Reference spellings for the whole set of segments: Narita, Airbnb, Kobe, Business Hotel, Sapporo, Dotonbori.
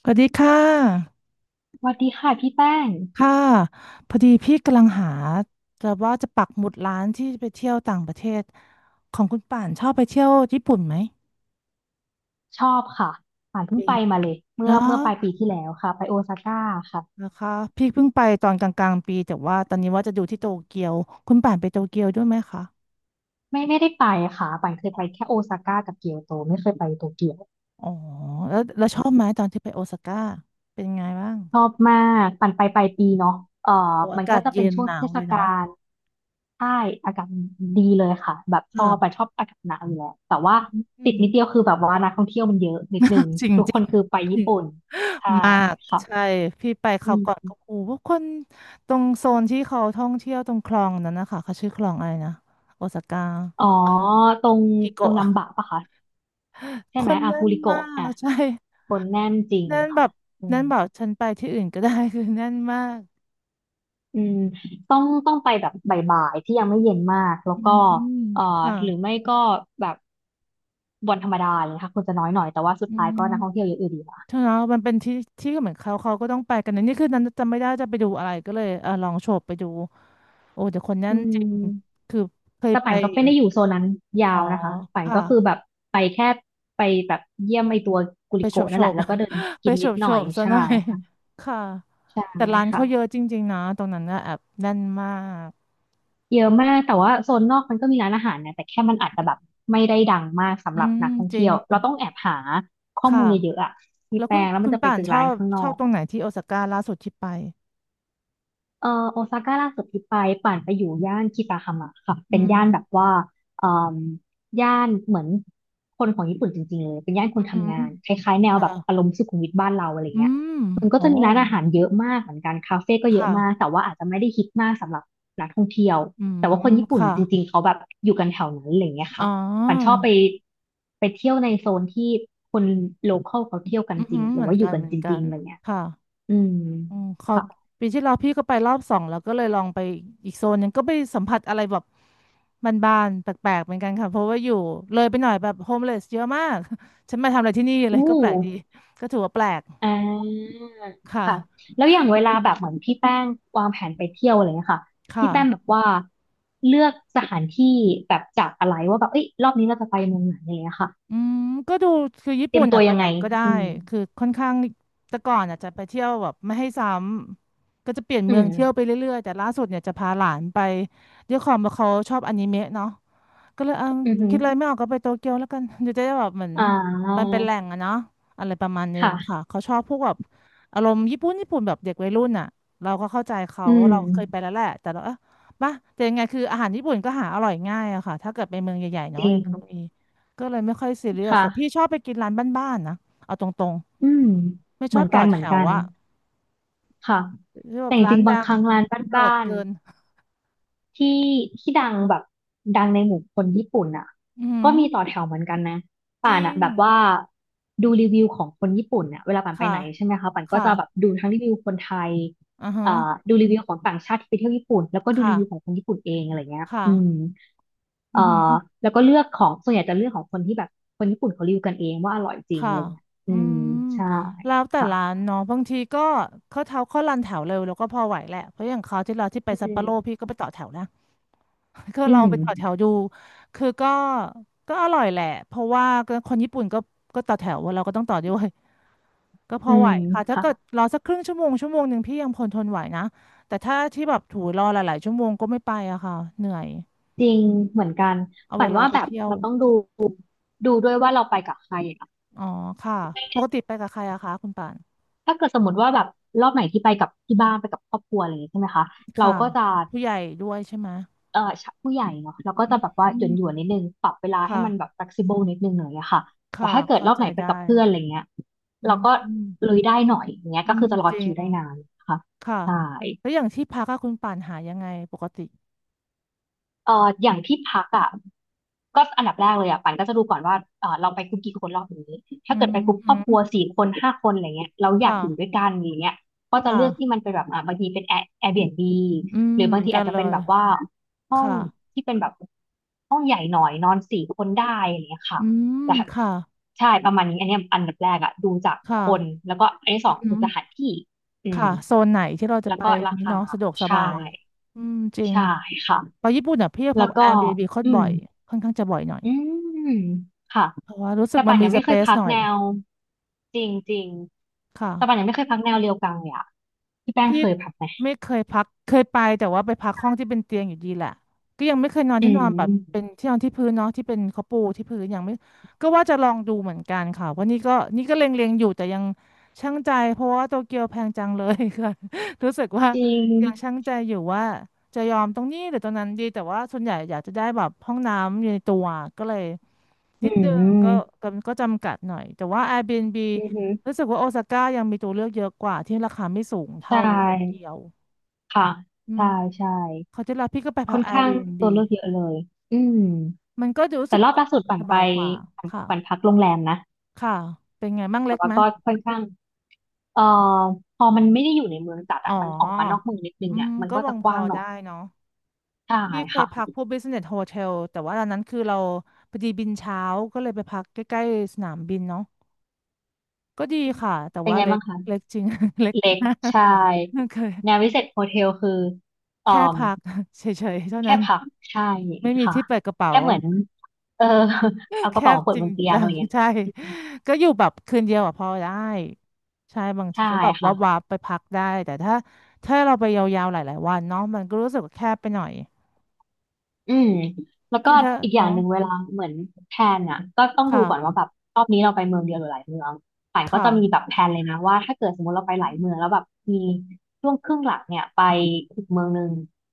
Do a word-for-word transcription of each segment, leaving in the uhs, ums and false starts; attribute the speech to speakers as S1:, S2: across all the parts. S1: สวัสดีค่ะ
S2: สวัสดีค่ะพี่แป้ง
S1: ค่ะพอดีพี่กำลังหาจะว่าจะปักหมุดร้านที่ไปเที่ยวต่างประเทศของคุณป่านชอบไปเที่ยวญี่ปุ่นไหม
S2: ชอบค่ะป่านเพิ่ง
S1: ดี
S2: ไปมาเลยเมื่
S1: แล้
S2: อเมื่อปลายปี
S1: ว
S2: ที่แล้วค่ะไปโอซาก้าค่ะ
S1: นะคะพี่เพิ่งไปตอนกลางๆปีแต่ว่าตอนนี้ว่าจะดูที่โตเกียวคุณป่านไปโตเกียวด้วยไหมคะ
S2: ไม่ไม่ได้ไปค่ะป่านเคยไปแค่โอซาก้ากับเกียวโตไม่เคยไปโตเกียว
S1: อ๋อแล้วแล้วชอบไหมตอนที่ไปโอซาก้าเป็นไงบ้าง
S2: ชอบมากป่นไปปลายปีเนาะเอ่อ
S1: โอ้อา
S2: มัน
S1: กา
S2: ก็
S1: ศ
S2: จะเป็
S1: เย็
S2: น
S1: น
S2: ช่วง
S1: หนา
S2: เท
S1: ว
S2: ศ
S1: เลย
S2: กา
S1: เนาะ
S2: ลใช่อากาศดีเลยค่ะแบบชอบไปน
S1: ค่ะ
S2: ชอบอากาศหนาวอยู่แล้วแต่ว่า
S1: อื
S2: ติด
S1: ม
S2: นิดเดียวคือแบบว่านักท่องเที่ยวมันเยอะนิดนึง
S1: จริง
S2: ทุก
S1: จ
S2: ค
S1: ริ
S2: น
S1: ง
S2: คือไปญี่ปุ่นใช่
S1: มากใช่
S2: ค่ะ
S1: พี่ไปค
S2: อื
S1: ราวก่อน
S2: ม
S1: ก็โอ้โหพวกคนตรงโซนที่เขาท่องเที่ยวตรงคลองนั้นนะคะเขาชื่อคลองอะไรนะโอซาก้า
S2: อ๋อตรง
S1: กิ
S2: ตร
S1: โกะ
S2: งนัมบะปะคะ
S1: ค
S2: ใช่ไหม
S1: น
S2: อา
S1: แน่
S2: กู
S1: น
S2: ริ
S1: มา
S2: โกะ
S1: ก
S2: อ่ะ
S1: ใช่
S2: คนแน่นจริง
S1: แน่นแบ
S2: ค่ะ
S1: บ
S2: อื
S1: แน่
S2: ม
S1: นแบบฉันไปที่อื่นก็ได้ คือแน่นมาก
S2: อืมต้องต้องไปแบบบ่ายๆที่ยังไม่เย็นมากแล้ว
S1: อื
S2: ก็
S1: ม
S2: เอ่อ
S1: ค่ะ
S2: หรือไม่ก็แบบวันธรรมดาเลยนะคะคนจะน้อยหน่อยแต่ว่าสุด
S1: อื
S2: ท้ายก็นักท่องเที่ยว
S1: ม
S2: เยอะอยู่ดีค่ะ
S1: ใช่แล้วมันเป็นที่ที่เหมือนเขาเขาก็ต้องไปกันนะนี่คือนั้นจำไม่ได้จะไปดูอะไรก็เลยเออลองโฉบไปดูโอ้แต่คนแน่
S2: อื
S1: นจริง
S2: ม
S1: คือเคย
S2: แต่
S1: ไป
S2: ป่านก็
S1: อยู่
S2: ไม่ได้อยู่โซนนั้นยา
S1: อ๋อ
S2: วนะคะป่าน
S1: ค่ะ
S2: ก็คือแบบไปแค่ไปแบบเยี่ยมไอตัวกุ
S1: ไป
S2: ลิ
S1: โฉ
S2: โกะ
S1: บโฉ
S2: นั่นแหละ
S1: บ
S2: แล้วก็เดิน
S1: ไป
S2: กิน
S1: โฉ
S2: นิด
S1: บ
S2: ห
S1: โฉ
S2: น่อย
S1: บซะห
S2: ใช่
S1: น่อย
S2: ค่ะ
S1: ค่ะ
S2: ใช่
S1: แต่ร้าน
S2: ค่ะ
S1: เขาเยอะจริงๆนะตรงนั้นนะแอบแน่นมาก
S2: เยอะมากแต่ว่าโซนนอกมันก็มีร้านอาหารนะแต่แค่มันอาจจะแบบไม่ได้ดังมากสำ
S1: อื
S2: หรับ
S1: ม
S2: นักท่อง
S1: จริ
S2: เที่
S1: ง
S2: ยวเราต้องแอบหาข้อ
S1: ค่ะ
S2: มูลเยอะๆอะพี่
S1: แล้ว
S2: แป
S1: คุณ
S2: งแล้วมั
S1: คุ
S2: น
S1: ณ
S2: จะไป
S1: ป่า
S2: เจ
S1: น
S2: อ
S1: ชอ
S2: ร้าน
S1: บ
S2: ข้างน
S1: ช
S2: อ
S1: อบ
S2: ก
S1: ตรงไหนที่โอซาก้าล่าสุดที่ไป
S2: เอ่อโอซาก้าล่าสุดที่ไปป่านไปอยู่ย่านคิตาฮามะค่ะ
S1: อื
S2: เป็นย่า
S1: ม
S2: นแบบว่าเอ่มย่านเหมือนคนของญี่ปุ่นจริงๆเลยเป็นย่านค
S1: อื
S2: น
S1: ม
S2: ทำงานคล้ายๆแนวแบบอา
S1: ค่ะ
S2: รมณ์สุขุมวิทบ้านเราอะไร
S1: อื
S2: เงี้ย
S1: ม
S2: มันก็
S1: โอ้
S2: จะมีร้านอาหารเยอะมากเหมือนกันคาเฟ่ก็
S1: ค
S2: เยอะมาก
S1: ่ะ
S2: แต่ว่าอาจจะไม่ได้ฮิตมากสำหรับนักท่องเที่ยว
S1: อื
S2: แต่
S1: ม
S2: ว่าคนญี่ปุ่น
S1: ค่ะ
S2: จริงๆเขาแบบอยู่กันแถวนั้นอะไรเงี้ย
S1: อ๋
S2: ค่ะ
S1: อ
S2: ป่านชอบไปไปเที่ยวในโซนที่คนโลคอลเขาเที่ยวกัน
S1: อือ
S2: จริ
S1: หื
S2: ง
S1: อ
S2: ห
S1: เห
S2: รือ
S1: มือน
S2: ว่าอ
S1: กั
S2: ยู่
S1: น
S2: กัน
S1: เหมือ
S2: จ
S1: นกั
S2: ริง
S1: น
S2: ๆอะไรเงี้ย
S1: ค่ะ
S2: อืม
S1: อืมขอ
S2: ค่ะ
S1: ปีที่แล้วพี่ก็ไปรอบสองแล้วก็เลยลองไปอีกโซนหนึงก็ไปสัมผัสอะไรแบบบานๆแปลกๆเหมือนกันค่ะเพราะว่าอยู่เลยไปหน่อยแบบโฮมเลสเยอะมาก ฉันมาทำอะไรที่นี่เล
S2: อู้
S1: ยก็แปลกดีก็ถือว่าแปลก
S2: อ่า
S1: ค่ะ
S2: ค่ะแล้วอย่างเวลาแบบเหมือนพี่แป้งวางแผนไปเที่ยวอะไรเงี้ยค่ะ
S1: ค่ะ
S2: พี่แป้งแบบว่าเลือกสถานที่แบบจากอะไรว่าแบบเอ้ยรอบนี้เราจะไปเมืองไหนอะไรเงี้ยค่ะ
S1: อืมก็ดูคือญี่
S2: เตรี
S1: ปุ่
S2: ยม
S1: น
S2: ตั
S1: อ่ะ
S2: ว
S1: ไป
S2: ยัง
S1: ไหน
S2: ไง
S1: ก็ได้
S2: อืม
S1: คือค่อนข้างแต่ก่อนอ่ะจะไปเที่ยวแบบไม่ให้ซ้ำก็จะเปลี่ยน
S2: อื
S1: เมือ
S2: ม
S1: งเที่ยวไปเรื่อยๆแต่ล่าสุดเนี่ยจะพาหลานไปด้วยความว่าเขาชอบอนิเมะเนาะ ก็เลยเอา
S2: อือหือ
S1: คิดอะไรไม่ออกก็ไปโตเกียวแล้วกันเดี๋ยวจะได้แบบเหมือน
S2: อ่
S1: มัน
S2: า
S1: เป็นแหล่งอะเนาะอะไรประมาณนึง
S2: ค่ะ
S1: ค่ะเขาชอบพวกแบบอารมณ์ญี่ปุ่นญี่ปุ่นแบบเด็กวัยรุ่นอะเราก็เข้าใจเขา
S2: อืม
S1: เราเคยไปแล้วแหละแต่เราเออป่ะแต่ยังไงคืออาหารญี่ปุ่นก็หาอร่อยง่ายอะค่ะถ้าเกิดไปเมืองใหญ่ๆ
S2: จ
S1: เนาะ
S2: ริ
S1: ยั
S2: ง
S1: งก็มีก็เลยไม่ค่อยซีเรียสแต่พี่
S2: ค่ะ
S1: ชอบไปกินร้านบ้านๆนะเอาตรง
S2: อืม
S1: ๆไม่ช
S2: เหมื
S1: อ
S2: อ
S1: บ
S2: น
S1: ต่อ
S2: กัน
S1: แถ
S2: เหมือน
S1: ว
S2: กันค่ะ
S1: อะที่แบ
S2: แต่
S1: บ
S2: จ
S1: ร้าน
S2: ริงๆบา
S1: ดั
S2: งค
S1: ง
S2: รั้งร้าน
S1: โหด
S2: บ้าน
S1: เกิ
S2: ๆ
S1: น
S2: ที่ที่ดังแบบดังในหมู่คนญี่ปุ่นอ่ะ
S1: อือหื
S2: ก็
S1: อ
S2: มีต่อแถวเหมือนกันนะ
S1: จ
S2: ป่าน
S1: ริ
S2: อ่ะ
S1: ง
S2: แบบว่าดูรีวิวของคนญี่ปุ่นเนี่ยเวลาป่านไป
S1: ค่ะ
S2: ไหนใช่ไหมคะป่านก็
S1: ค่ะ
S2: จะแบบดูทั้งรีวิวคนไทย
S1: อือฮะ
S2: เอ่อดูรีวิวของต่างชาติที่ไปเที่ยวญี่ปุ่นแล้วก็ดู
S1: ค่ะ
S2: รีวิวของคนญี่ปุ่นเองอะไรเงี้ยอืม
S1: ค่ะ อื
S2: เอ่
S1: อหือ
S2: อแล้วก็เลือกของส่วนใหญ่จะเลือกของคนที่แบบคนญี่ปุ่นเขารีวิวกันเองว่าอร่อยจริง
S1: ค่ะ
S2: อะไรเงี้ยอื
S1: อื
S2: ม
S1: ม
S2: ใช่
S1: แล้วแต่
S2: ค่ะ
S1: ร้านเนาะบางทีก็เขาเท้าเขารันแถวเร็วแล้วก็พอไหวแหละเพราะอย่างเขาวที่เราที่ไป
S2: อื
S1: ซัปโปโร
S2: ม
S1: พี่ก็ไปต่อแถวนะ ก็
S2: อื
S1: ลอง
S2: ม
S1: ไปต่อแถวดูคือก็ก็อร่อยแหละเพราะว่าก็คนญี่ปุ่นก็ก็ต่อแถวเราก็ต้องต่อด้วยก็พ
S2: อื
S1: อไหว
S2: ม
S1: ค่ะถ้า
S2: ค่ะ
S1: เกิดรอสักครึ่งชั่วโมงชั่วโมงหนึ่งพี่ยังพลทนไหวนะแต่ถ้าที่แบบถูรอหลายๆชั่วโมงก็ไม่ไปอะค่ะเหนื่อย
S2: จริงเหมือนกัน
S1: เอา
S2: ฝั
S1: เว
S2: น
S1: ลา
S2: ว่า
S1: ไป
S2: แบบ
S1: เที่ยว
S2: มันต้องดูดูด้วยว่าเราไปกับใครอะ
S1: อ๋อค่ะปกติไปกับใครอะคะคุณป่าน
S2: ถ้าเกิดสมมติว่าแบบรอบไหนที่ไปกับที่บ้านไปกับครอบครัวอะไรอย่างงี้ใช่ไหมคะเรา
S1: ค่ะ
S2: ก็จะ
S1: ผู้ใหญ่ด้วยใช่ไหม
S2: เอ่อชะผู้ใหญ่เนาะเราก็จะแบบว่า
S1: อื
S2: หย่อนหย่น
S1: ม
S2: นิดนึงปรับเวลาให้
S1: ค่ะ
S2: มันแบบ flexible นิดนึงหน่อยอะค่ะแต่
S1: ค่ะ
S2: ถ้าเกิด
S1: เข้า
S2: รอบ
S1: ใจ
S2: ไหนไป
S1: ได้
S2: กับเพื่อนอะไรเงี้ย
S1: อื
S2: เรา
S1: ม
S2: ก็
S1: อืม
S2: ลุยได้หน่อยอย่างเงี้ย
S1: อื
S2: ก็คื
S1: ม
S2: อจะรอ
S1: จริ
S2: คิ
S1: ง
S2: วได้นานนะคะ
S1: ค่ะ
S2: ใช่
S1: แล้วอย่างที่พักอะคุณป่านหายังไงปกติ
S2: เอ่ออย่างที่พักอ่ะก็อันดับแรกเลยอ่ะปันก็จะดูก่อนว่าเออเราไปกลุ่มกี่คนรอบนี้
S1: อื
S2: ถ้าเกิด
S1: ม
S2: ไปกลุ่มค
S1: อื
S2: รอบครัว
S1: ม
S2: สี่คนห้าคนอะไรเงี้ยเราอยาก
S1: ค่ะ
S2: อยู่ด้วยกันอย่างเงี้ยก็จะ
S1: ค่ะ
S2: เลือกที่มันเป็นแบบอ่ะบางทีเป็นแอร์ Airbnb
S1: อืม
S2: หรือ
S1: เห
S2: บา
S1: มื
S2: ง
S1: อน
S2: ที
S1: กั
S2: อา
S1: น
S2: จจะ
S1: เล
S2: เป็น
S1: ย
S2: แบบว่าห้อง
S1: ค่ะ
S2: ที่เป็นแบบห้องใหญ่หน่อยนอนสี่คนได้อะไรเงี้ยค่ะ
S1: อืม
S2: แต่
S1: ค่ะ
S2: ใช่ประมาณนี้อันเนี้ยอันดับแรกอ่ะดูจากค
S1: ค่ะ
S2: นแล้วก็อันที่ส
S1: อื
S2: องคือ
S1: ม
S2: สถานที่อืม
S1: ค่ะโซนไหนที่เราจะ
S2: แล้ว
S1: ไป
S2: ก็รา
S1: นี้
S2: คา
S1: เนาะสะดวกส
S2: ใช่
S1: บายอืมจริง
S2: ใช่ค่ะ
S1: ไปญี่ปุ่นอ่ะพี่พั
S2: แล้
S1: ก
S2: วก็
S1: Airbnb โคตร
S2: อื
S1: บ่
S2: ม
S1: อยค่อนข้างจะบ่อยหน่อย
S2: อืมค่ะ
S1: เพราะว่ารู้สึก
S2: แต่
S1: มั
S2: ป่า
S1: น
S2: น
S1: มี
S2: ยัง
S1: ส
S2: ไม่
S1: เป
S2: เคย
S1: ซ
S2: พัก
S1: หน่อย
S2: แนวจริงจริงแต่ป่านยั
S1: ค่ะ
S2: งไม่เคยพักแนวเรียวกังเลยอะพี่แป้ง
S1: พี่
S2: เคยพักไหม
S1: ไม่เคยพักเคยไปแต่ว่าไปพักห้องที่เป็นเตียงอยู่ดีแหละก็ยังไม่เคยนอน
S2: อื
S1: ที่นอนแบบเป็น
S2: ม
S1: ที่นอนที่พื้นเนาะที่เป็นเขาปูที่พื้นยังไม่ก็ว่าจะลองดูเหมือนกันค่ะว่าะนี่ก็นี่ก็เล็งๆอยู่แต่ยังชั่งใจเพราะว่าโตเกียวแพงจังเลย ค่ะ รู้สึกว่า
S2: จริง
S1: ยังชั่งใจอยู่ว่าจะยอมตรงนี้หรือตรงนั้นดีแต่ว่าส่วนใหญ่อยากจะได้แบบห้องน้ำอยู่ในตัวก็เลย
S2: อื
S1: นิดนึงก็
S2: ม
S1: ก็ก็จำกัดหน่อยแต่ว่า Airbnb
S2: อือฮึ
S1: รู้สึกว่าโอซาก้ายังมีตัวเลือกเยอะกว่าที่ราคาไม่สูง
S2: ใช
S1: เท่าโตเกี
S2: ่
S1: ยว
S2: ค่ะ
S1: อืม
S2: ใช่ใช่
S1: เขาจะรับพี่ก็ไปพั
S2: ค่
S1: ก
S2: อนข้าง
S1: Airbnb
S2: ตัวเลือกเยอะเลยอืม
S1: มันก็รู้
S2: แต่
S1: สึก
S2: รอบล่าสุดป่า
S1: ส
S2: นไป
S1: บายกว่า
S2: ป่าน
S1: ค่ะ
S2: ป่านพักโรงแรมนะ
S1: ค่ะเป็นไงมั่งเล็
S2: แต่
S1: ก
S2: ว่า
S1: ไหม
S2: ก็ค่อนข้างเอ่อพอมันไม่ได้อยู่ในเมืองจัด
S1: อ๋
S2: อะมันออกมานอ
S1: อ
S2: กเมืองนิดนึง
S1: อื
S2: อะ
S1: ม
S2: มัน
S1: ก็
S2: ก็
S1: ม
S2: จะ
S1: อง
S2: ก
S1: พ
S2: ว้า
S1: อ
S2: งหน่อ
S1: ได้
S2: ย
S1: เนาะ
S2: ใช่
S1: พี่เคย
S2: ค่ะ
S1: พักพวก Business Hotel แต่ว่าตอนนั้นคือเราพอดีบินเช้าก็เลยไปพักใกล้ๆสนามบินเนาะก็ดีค่ะแต่
S2: เป็น
S1: ว่า
S2: ไง
S1: เล็ก
S2: บ้างคะ
S1: เล็กจริง เล็ก
S2: เล็ก
S1: มาก
S2: ใช่
S1: เคย
S2: งานวิเศษโฮเทลคือเอ่
S1: แค่
S2: อ
S1: พัก เฉยๆเท่า
S2: แค่
S1: นั้น
S2: พักใช่
S1: ไม่มี
S2: ค่ะ
S1: ที่เปิดกระเป๋า
S2: แค่เหมือนเออ เอา
S1: แค
S2: กระเป๋า
S1: บ
S2: มาเปิ
S1: จ
S2: ด
S1: ริ
S2: บ
S1: ง
S2: นเตียง
S1: จั
S2: อะไร
S1: ง
S2: อย่าง เงี้ย
S1: ใช่ ก็อยู่แบบคืนเดียวอะพอได้ ใช่บางที
S2: ใช่
S1: ก็แบบวั
S2: ค่ะ
S1: บวับไปพักได้แต่ถ้าถ้าเราไปยาวๆหลายๆวันเนาะมันก็รู้สึกว่าแคบไปหน่อย
S2: อืมแล้วก็
S1: ยิ่งถ้า
S2: อีกอย่า
S1: เนาะ
S2: งหนึ่งเวลาเหมือนแพลนอ่ะก็ต้องดูก่อนว่า
S1: ค่ะ
S2: แบบรอบนี้เราไปเมืองเดียวหรือหลายเมือง ป่านก็
S1: ค่ะ
S2: จะมีแบบแผนเลยนะว่าถ้าเกิดสมมติเราไปหลายเมืองแล้วแบบมีช่วงครึ่งหลังเนี่ยไปอีกเมืองหนึ่ง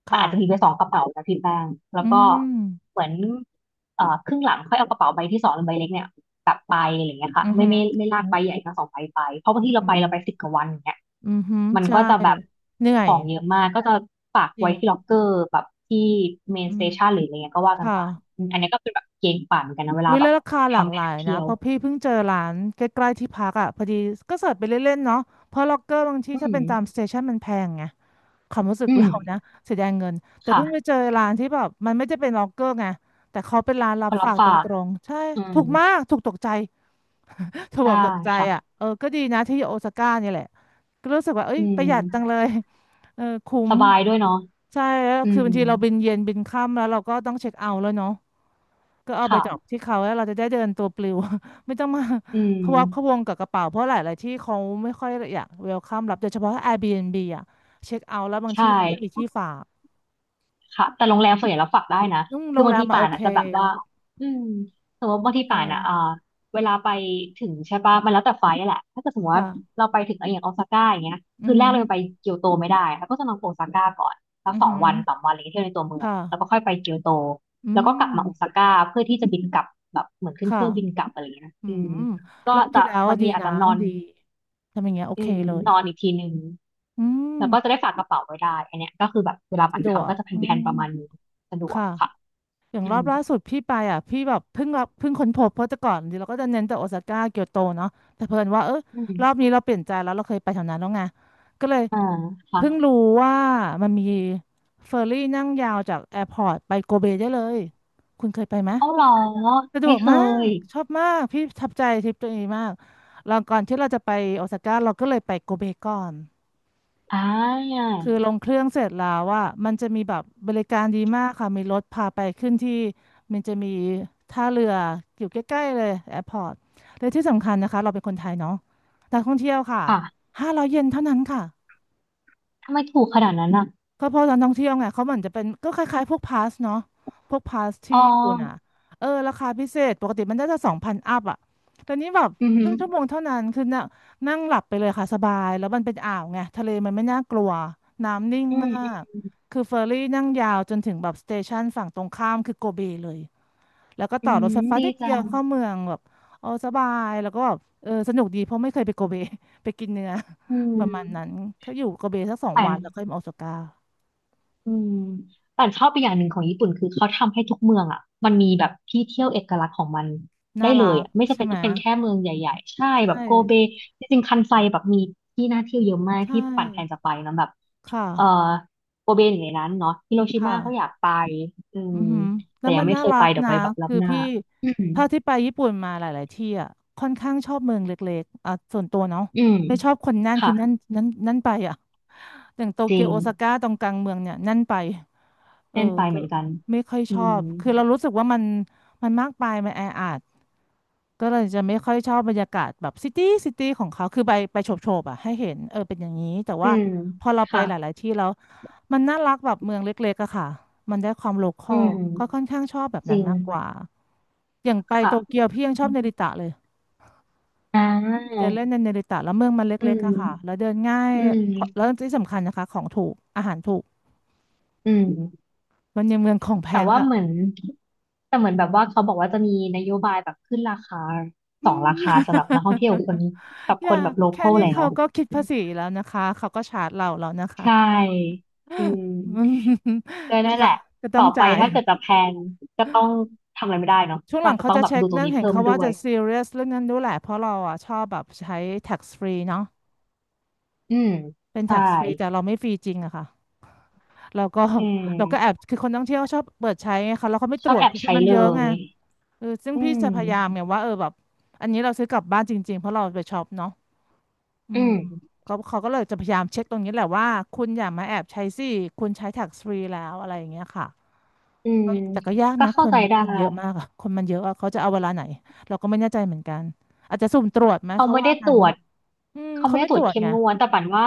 S2: ขัน
S1: ค่ะ
S2: อาจจะมีไปสองกระเป๋านะพี่แป้งแล้ว
S1: อื
S2: ก็
S1: ม
S2: เหมือนเอ่อครึ่งหลังค่อยเอากระเป๋าใบที่สองหรือใบเล็กเนี่ยกลับไปอะไรอย่างเงี้ยค่ะ
S1: อือ
S2: ไม่
S1: หือ
S2: ไม่ไม่ลา
S1: อื
S2: กใบให
S1: ม
S2: ญ่ทั้งสองใบไปเพราะบางที่เรา
S1: อื
S2: ไป
S1: ม
S2: เราไปสิบกว่าวันอย่างเงี้ย
S1: ออหือ
S2: มัน
S1: ใช่
S2: ก็จะแบบ
S1: เหนื่อ
S2: ข
S1: ย
S2: องเยอะมากก็จะฝาก
S1: จริ
S2: ไว้
S1: ง
S2: ที่ล็อกเกอร์แบบที่เมน
S1: อื
S2: สเต
S1: ม
S2: ชันหรืออะไรเงี้ยก็ว่ากัน
S1: ค่ะ
S2: ไปอมอันนี้ก็เป็นแบบเกณฑ์ขวัเหมือนกันนะเวลา
S1: วิ
S2: แบ
S1: แล้
S2: บ
S1: วราคาหลาก
S2: ทำแผ
S1: หลา
S2: น
S1: ย
S2: เที่
S1: นะ
S2: ยว
S1: เพราะพี่เพิ่งเจอร้านใกล้ๆที่พักอ่ะพอดีก็เสิร์ชไปเล่นๆเนาะเพราะล็อกเกอร์บางที่
S2: อื
S1: ถ้าเป็นตามส
S2: ม
S1: เตชันมันแพงไง ความรู้สึก
S2: อืม
S1: เรานะเสียดายเงินแต่
S2: ค่ะ
S1: เพิ่งไปเจอร้านที่แบบมันไม่ได้เป็นล็อกเกอร์ไงแต่เขาเป็นร้านรั
S2: ค
S1: บ
S2: นรั
S1: ฝา
S2: บ
S1: กต
S2: ฝาก
S1: รงๆใช่
S2: อืม
S1: ถูกมากถูกตกใจถูก
S2: ใช่
S1: แบบตกใจอ่ะ
S2: ค่ะ
S1: เออก็ดีนะที่โอซาก้าเนี่ยแหละก็รู้สึกว่าเอ้ย
S2: อื
S1: ประหยัดจัง
S2: ม
S1: เลยเออคุ้
S2: ส
S1: ม
S2: บายด้วยเนาะ
S1: ใช่แล้ว
S2: อื
S1: คือ
S2: ม
S1: บางทีเราบินเย็นบินค่ำแล้วเราก็ต้องเช็คเอาท์แล้วเนาะ ก็เอาไปดรอป
S2: ค่ะ
S1: ที่เขาแล้วเราจะได้เดินตัวปลิว ไม่ต้องมา
S2: อื
S1: พะวักพะว
S2: ม
S1: งกับกระเป๋าเพราะหลายๆที่เขาไม่ค่อยอยากเวลคัมรับโดยเฉพาะ Airbnb อ่ะเช็คเอาท์แล้วบาง
S2: ใช่
S1: ที่เขาไม่มีที่ฝาก
S2: ค่ะแต่โรงแรมส่วนใหญ่เราฝากได้นะ
S1: นุ่งโร
S2: คือ
S1: ง
S2: บา
S1: แร
S2: ง
S1: ม
S2: ที
S1: มาโอ
S2: ป่าน
S1: เค
S2: อ่ะจะแบบว่าอืมสมมติบางที
S1: ใช่
S2: ป่านอ่ะเอ่อเวลาไปถึงใช่ปะมันแล้วแต่ไฟล์อะแหละถ้าเกิดสมมติว่า
S1: ค่ะ
S2: เราไปถึงอย่างโอซาก้าอย่างเงี้ย
S1: อือ
S2: คืน
S1: หื
S2: แรก
S1: อ
S2: เรายังไปเกียวโตไม่ได้เราก็จะนอนโอซาก้าก่อนสัก
S1: อือ
S2: สอ
S1: หื
S2: ง
S1: อ
S2: วันสามวันอะไรเงี้ยเที่ยวในตัวเมือง
S1: ค่ะ
S2: แล้วก็ค่อยไปเกียวโต
S1: อื
S2: แล้วก็กลั
S1: ม
S2: บมาโอซาก้าเพื่อที่จะบินกลับแบบเหมือนขึ้นเค
S1: ค่ะ
S2: รื่องบินกลับอะไรเงี้ย
S1: อื
S2: อื
S1: ม
S2: มก็
S1: รอบ
S2: จะ
S1: ที่แล้ว
S2: บาง
S1: ดี
S2: ทีอาจ
S1: นะ
S2: จะนอน
S1: ดีทำอย่างเงี้ยโอ
S2: อื
S1: เค
S2: ม
S1: เลย
S2: นอนอีกทีหนึ่ง
S1: อื
S2: แล้วก็จะ
S1: ม
S2: ได้ฝากกระเป๋าไว้ได้ อันเนี้ยก็คือแบบเวลาบั
S1: สะ
S2: น
S1: ดว
S2: ทำ
S1: ก
S2: ก็จะ
S1: อื
S2: แผ่น
S1: ม
S2: ๆประมาณนี้สะดวก
S1: ค่ะ
S2: ค่ะ
S1: อย่างร
S2: อื
S1: อบ
S2: ม
S1: ล่าสุดพี่ไปอ่ะพี่แบบเพิ่งรับเพิ่งค้นพบเพราะแต่ก่อนเราก็จะเน้นแต่โอซาก้าเกียวโตเนาะแต่เพิ่นว่าเออ
S2: อื
S1: รอบ
S2: ม
S1: นี้เราเปลี่ยนใจแล้วเราเคยไปแถวนั้นแล้วไงก็เลย
S2: อ่า
S1: เพิ่ง
S2: ค่ะ
S1: รู้ว่ามันมีเฟอร์รี่นั่งยาวจากแอร์พอร์ตไปโกเบได้เลยคุณเคยไปไหม
S2: เอาเหรอ
S1: สะดว
S2: ไม่
S1: ก
S2: เค
S1: มา
S2: ย
S1: กชอบมากพี่ประทับใจทริปตัวเองมากแล้วก่อนที่เราจะไปโอซาก้าเราก็เลยไปโกเบก่อน
S2: อ่า
S1: คือลงเครื่องเสร็จแล้วว่ามันจะมีแบบบริการดีมากค่ะมีรถพาไปขึ้นที่มันจะมีท่าเรืออยู่ใกล้ๆเลยแอร์พอร์ตและที่สำคัญนะคะเราเป็นคนไทยเนาะนักท่องเที่ยวค่ะ
S2: ค่ะ
S1: ห้าร้อยเยนเท่านั้นค่ะ
S2: ทำไมถูกขนาดนั้นอ่ะ
S1: ก็เพราะตอนท่องเที่ยวไงเขาเหมือนจะเป็นก็คล้ายๆพวกพาสเนาะพวกพาสที่
S2: อ๋อ
S1: ญี่ปุ่นอ่ะเออราคาพิเศษปกติมันน่าจะสองพันอัพอ่ะแต่นี้แบบ
S2: อือ
S1: ค
S2: หื
S1: รึ่
S2: อ
S1: งชั่วโมงเท่านั้นคือนั่งนั่งหลับไปเลยค่ะสบายแล้วมันเป็นอ่าวไงทะเลมันไม่น่ากลัวน้ำนิ่ง
S2: อืม
S1: มา
S2: อื
S1: ก
S2: ม
S1: คือเฟอร์รี่นั่งยาวจนถึงแบบสเตชันฝั่งตรงข้ามคือโกเบเลยแล้วก็
S2: อื
S1: ต่อรถ
S2: ม
S1: ไฟฟ้า
S2: ดี
S1: นิด
S2: จั
S1: เดียว
S2: ง
S1: เข้าเมืองแบบเออสบายแล้วก็แบบเออสนุกดีเพราะไม่เคยไปโกเบ ไปกินเนื้อ
S2: อื
S1: ประมาณ
S2: ม
S1: นั้นเขาอยู่โกเบสักสอง
S2: แปล
S1: วันแล้วค่อย
S2: ก
S1: มาโอซาก้า
S2: อืมแต่ชอบไปอย่างหนึ่งของญี่ปุ่นคือเขาทำให้ทุกเมืองอ่ะมันมีแบบที่เที่ยวเอกลักษณ์ของมันได้
S1: น่า
S2: เล
S1: รั
S2: ย
S1: ก
S2: อ่ะไม่จำ
S1: ใช่
S2: เป็น
S1: ไหม
S2: ต้องเป็นแค่เมืองใหญ่ๆ ใช่แบ
S1: ใช่
S2: บโกเบจริงๆคันไซแบบมีที่น่าเที่ยวเยอะมาก
S1: ใช่
S2: ที่ปั่นแผนจะไปเนอะแบบ
S1: ค่ะ
S2: เออโกเบอยู่ในนั้นเนาะฮิโรชิมา
S1: ค่ะ
S2: ก็อยากไปอื
S1: อื
S2: ม
S1: อหือแล้
S2: แต่
S1: ว
S2: ยั
S1: มั
S2: ง
S1: น
S2: ไม่
S1: น่า
S2: เคย
S1: รั
S2: ไป
S1: ก
S2: เดี๋ยว
S1: นะ
S2: ไปแบบรอบ
S1: คือ
S2: หน้า
S1: พี่
S2: อืม
S1: เท่าที่ไปญี่ปุ่นมาหลาย ๆ ที่อ่ะค่อนข้างชอบเมืองเล็กๆอ่ะส่วนตัวเนาะ
S2: อืม
S1: ไม่ชอบคนแน่น
S2: ค่ะ
S1: คือแนั่นแนั่นแนั่นไปอ่ะอย่างโต
S2: จ
S1: เกี
S2: ริ
S1: ยว
S2: ง
S1: โอซาก้าตรงกลางเมืองเนี่ยแนั่นไปเออ
S2: เน่นไปเห
S1: ก็
S2: มือนกัน
S1: ไม่ค่อย
S2: อื
S1: ชอบ
S2: ม
S1: คือเรารู้สึกว่ามันมันมากไปมันแออัดก็เลยจะไม่ค่อยชอบบรรยากาศแบบซิตี้ซิตี้ของเขาคือไปไปโฉบๆอ่ะให้เห็นเออเป็นอย่างนี้แต่
S2: อื
S1: ว่า
S2: ม
S1: พอเราไป
S2: ค่ะ
S1: หลายๆที่แล้ว มันน่ารักแบบเมืองเล็กๆอะค่ะ มันได้ความโลคอ
S2: อื
S1: ล
S2: ม
S1: ก็ค่อนข้างชอบแบบ
S2: จ
S1: นั้
S2: ริ
S1: น
S2: ง
S1: มากกว่า อย่างไปโตเกี
S2: ค่ะ
S1: ยวพี่ยังชอบเนริตะเลย
S2: อ่
S1: ไป
S2: า
S1: เดินเล่นในเนริตะแล้วเมืองมัน
S2: อื
S1: เล็กๆ
S2: ม
S1: อะค่ะแล้วเดินง่าย
S2: อื
S1: แล้ว
S2: ม
S1: ที่สำคัญนะคะของถูกอาหารถูก
S2: อืม
S1: มันยังเมืองของแพ
S2: แต่
S1: ง
S2: ว่า
S1: ค่ะ
S2: เหมือนแต่เหมือนแบบว่าเขาบอกว่าจะมีนโยบายแบบขึ้นราคา
S1: อื
S2: สอง
S1: ม
S2: ราคาสำหรับนักท่องเที่ยวคนกับ
S1: อ
S2: ค
S1: ย่า
S2: นแบบโลค
S1: แค่
S2: อล
S1: นี้
S2: แล้
S1: เขา
S2: ว
S1: ก็คิดภาษีแล้วนะคะเขาก็ชาร์จเราแล้วนะคะ
S2: ใช ่ อืม
S1: อืม
S2: ก็
S1: นะ
S2: นั่นแห
S1: คะ
S2: ละ
S1: จะต้อ
S2: ต่
S1: ง
S2: อไป
S1: จ่าย
S2: ถ้าเกิดจะแพลนก็ต้องทำอะไรไม่ได้เนาะ
S1: ช่วง
S2: ก็
S1: หลั
S2: อา
S1: ง
S2: จจะ
S1: เขา
S2: ต้อง
S1: จะ
S2: แบบ
S1: เช็
S2: ดู
S1: ค
S2: ตรง
S1: นั่น
S2: นี้
S1: เห็น
S2: เพิ่ม
S1: เขา
S2: ด้
S1: ว่า
S2: ว
S1: จะ
S2: ย
S1: ซีเรียสเรื่องนั้นด้วยแหละเพราะเราอ่ะชอบแบบใช้ tax free เนาะ
S2: อืม
S1: เป็น
S2: ใช่
S1: tax free แต่เราไม่ฟรีจริงอะค่ะเราก็
S2: อื
S1: เราก็แอบ
S2: ม
S1: คือคนท่องเที่ยวชอบเปิดใช้ไงคะแล้วเขาไม่
S2: ช
S1: ต
S2: อ
S1: ร
S2: บ
S1: วจ
S2: แอบ
S1: คือคน
S2: ใช้
S1: มัน
S2: เล
S1: เยอะไง
S2: ย
S1: เออซึ่ง
S2: อื
S1: พี่จะพยายาม
S2: ม
S1: ไงว่าเออแบบอันนี้เราซื้อกลับบ้านจริงๆเพราะเราไปช็อปเนาะอื
S2: อื
S1: ม
S2: ม
S1: เขาเขาก็เลยจะพยายามเช็คตรงนี้แหละว่าคุณอย่ามาแอบใช้สิคุณใช้ tax free แล้วอะไรอย่างเงี้ยค่ะ
S2: อืม
S1: ก็แต่ก็ยาก
S2: ก็
S1: นะค
S2: เข้า
S1: น
S2: ใจ
S1: ค
S2: ได้
S1: นเยอะมากอะคนมันเยอะอะเขาจะเอาเวลาไหนเราก็ไม่แน่ใจเหมือนกันอาจจะสุ่มตรวจไหม
S2: เขา
S1: เขา
S2: ไม่
S1: ว่า
S2: ได้ต
S1: งั้
S2: ร
S1: น
S2: วจ
S1: อืม
S2: เขา
S1: เขา
S2: ไม่ได้
S1: ไม่
S2: ตร
S1: ต
S2: ว
S1: ร
S2: จ
S1: วจ
S2: เข้ม
S1: ไง
S2: งวดแต่ปันว่า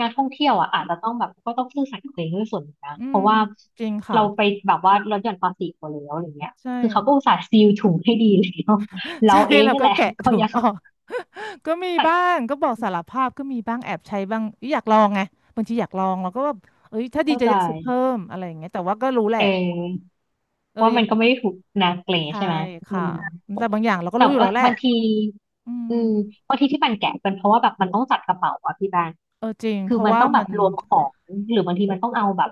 S2: นักท่องเที่ยวอ่ะอาจจะต้องแบบก็ต้องซื่อสัตย์กับตัวเองด้วยส่วนหนึ่งนะ
S1: อื
S2: เพ
S1: ม
S2: ราะว่า
S1: จริงค่ะ
S2: เราไปแบบว่าลดหย่อนภาษีเขาแล้วอะไรเงี้ย
S1: ใช่
S2: คือเขาก็อุตส่าห์ซีลถุงให้ดีแล้ว เรา
S1: ใช่
S2: เอ ง
S1: แล้ว
S2: นี่
S1: ก็
S2: แหละ
S1: แกะ
S2: เขา
S1: ถุง
S2: ยัง
S1: ออก ก็มีบ้างก็บอกสารภาพก็มีบ้างแอบใช้บ้างอยากลองไงบางทีอยากลองเราก็แบบเอ้ยถ้าดี
S2: เข้า
S1: จะ
S2: ใจ
S1: จะซื้อเพิ่มอะไรอย่างเงี้ยแต่ว่าก็รู้แหละ
S2: เออ
S1: เออ
S2: ว่า
S1: ยั
S2: มัน
S1: ง
S2: ก็ไม่ได้ถูกนาเกล
S1: ใช่
S2: ใช่ไหมอื
S1: ค่ะ
S2: ม
S1: แต่บางอย่างเราก็
S2: แต่
S1: รู้อยู่
S2: เออ
S1: แล้วแหละ
S2: บางที
S1: อืม
S2: อืมบางทีที่มันแกะเป็นเพราะว่าแบบมันต้องจัดกระเป๋าอะพี่บาน
S1: เออจริงเพ
S2: คือ
S1: ราะ
S2: มัน
S1: ว่า
S2: ต้องแบ
S1: มั
S2: บ
S1: น
S2: รวมของหรือบางทีมันต้องเอาแบบ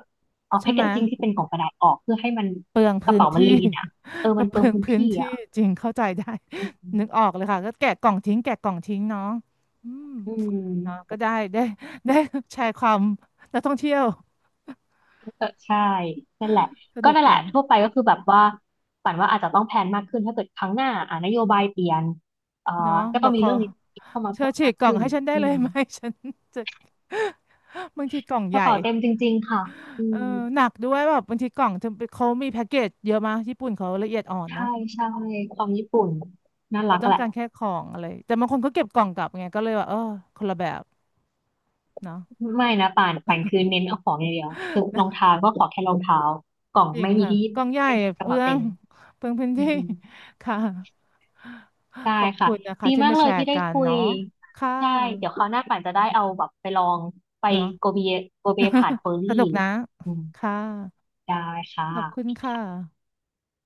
S2: เอา
S1: ใช่
S2: แพ็กเก
S1: ไหม
S2: จจิ้งที่เป็นกล่องกระดาษออกเพื่อให้มัน
S1: เปลือง
S2: ก
S1: พื้
S2: ระ
S1: น
S2: เป๋ามัน
S1: ที่
S2: ลีนอะเออ
S1: ก็
S2: มัน
S1: เป
S2: เปลือ
S1: ลื
S2: ง
S1: อง
S2: พื้น
S1: พื้น
S2: ที่
S1: ที่
S2: อะ
S1: จริงเข้าใจได้
S2: อื
S1: นึกออกเลยค่ะก็แกะกล่องทิ้งแกะกล่องทิ้งเนาะอืมเนาะ
S2: ม
S1: ก็ได้ได้ได้แชร์ความนักท่องเที่ยว
S2: เออใช่นั่นแหละ
S1: ส
S2: ก็
S1: นุก
S2: นั่นแห
S1: จั
S2: ละ
S1: ง
S2: ทั่วไปก็คือแบบว่าปั่นว่าอาจจะต้องแพลนมากขึ้นถ้าเกิดครั้งหน้าอ่านโยบายเปลี่ยนเอ่อ
S1: เนาะ
S2: ก็
S1: บ
S2: ต้อ
S1: อ
S2: ง
S1: ก
S2: มี
S1: ขอ
S2: เรื่องนี้เข้ามา
S1: เธอ
S2: เพิ่ม
S1: ฉี
S2: มา
S1: ก
S2: ก
S1: กล่อง
S2: ขึ้น
S1: ให้ฉันได้
S2: อื
S1: เลย
S2: ม
S1: ไหม ฉัน จะบางทีกล่อง
S2: ก
S1: ให
S2: ระ
S1: ญ่
S2: เป๋าเต็มจริงๆค่ะอื
S1: เออ
S2: ม
S1: หนักด้วยแบบบางทีกล่องเธอไปเขามีแพ็กเกจเยอะมากญี่ปุ่นเขาละเอียดอ่อนเนาะ
S2: ใช่ใช่ความญี่ปุ่นน่า
S1: เรา
S2: รัก
S1: ต้อ
S2: แห
S1: ง
S2: ละ
S1: การแค่ของอะไรแต่บางคนเขาเก็บกล่องกลับไงก็เลยว่าเออคนละแบบเนาะ
S2: ไม่นะป่านป่านคือเน้นเอาของอย่างเดียวสุดรองเท้าก็ขอแค่รองเท้ากล่อง
S1: จริง
S2: ไม่มี
S1: ค่ะ
S2: ที่ญี่
S1: กล่
S2: ปุ่
S1: อ
S2: น
S1: งใหญ่
S2: ไม่มีก
S1: เป
S2: ระ
S1: ลื
S2: เป๋า
S1: อ
S2: เต็
S1: ง
S2: ม
S1: เปลืองพื้น
S2: อื
S1: ที่
S2: ม
S1: ค่ะ
S2: ได้
S1: ขอบ
S2: ค่ะ
S1: คุณนะคะ
S2: ดี
S1: ที่
S2: มาก
S1: มา
S2: เล
S1: แช
S2: ยที่
S1: ร์
S2: ได้
S1: กัน
S2: คุย
S1: เนาะค่ะ
S2: ใช่เดี๋ยวคราวหน้าป่านจะได้เอาแบบไปลองไป
S1: เนาะ
S2: โกเบโกเบผ่านเฟอร์
S1: ส
S2: รี่
S1: นุกนะ
S2: อืม
S1: ค่ะ
S2: ได้ค
S1: ขอบคุณ
S2: ่ะ
S1: ค่ะ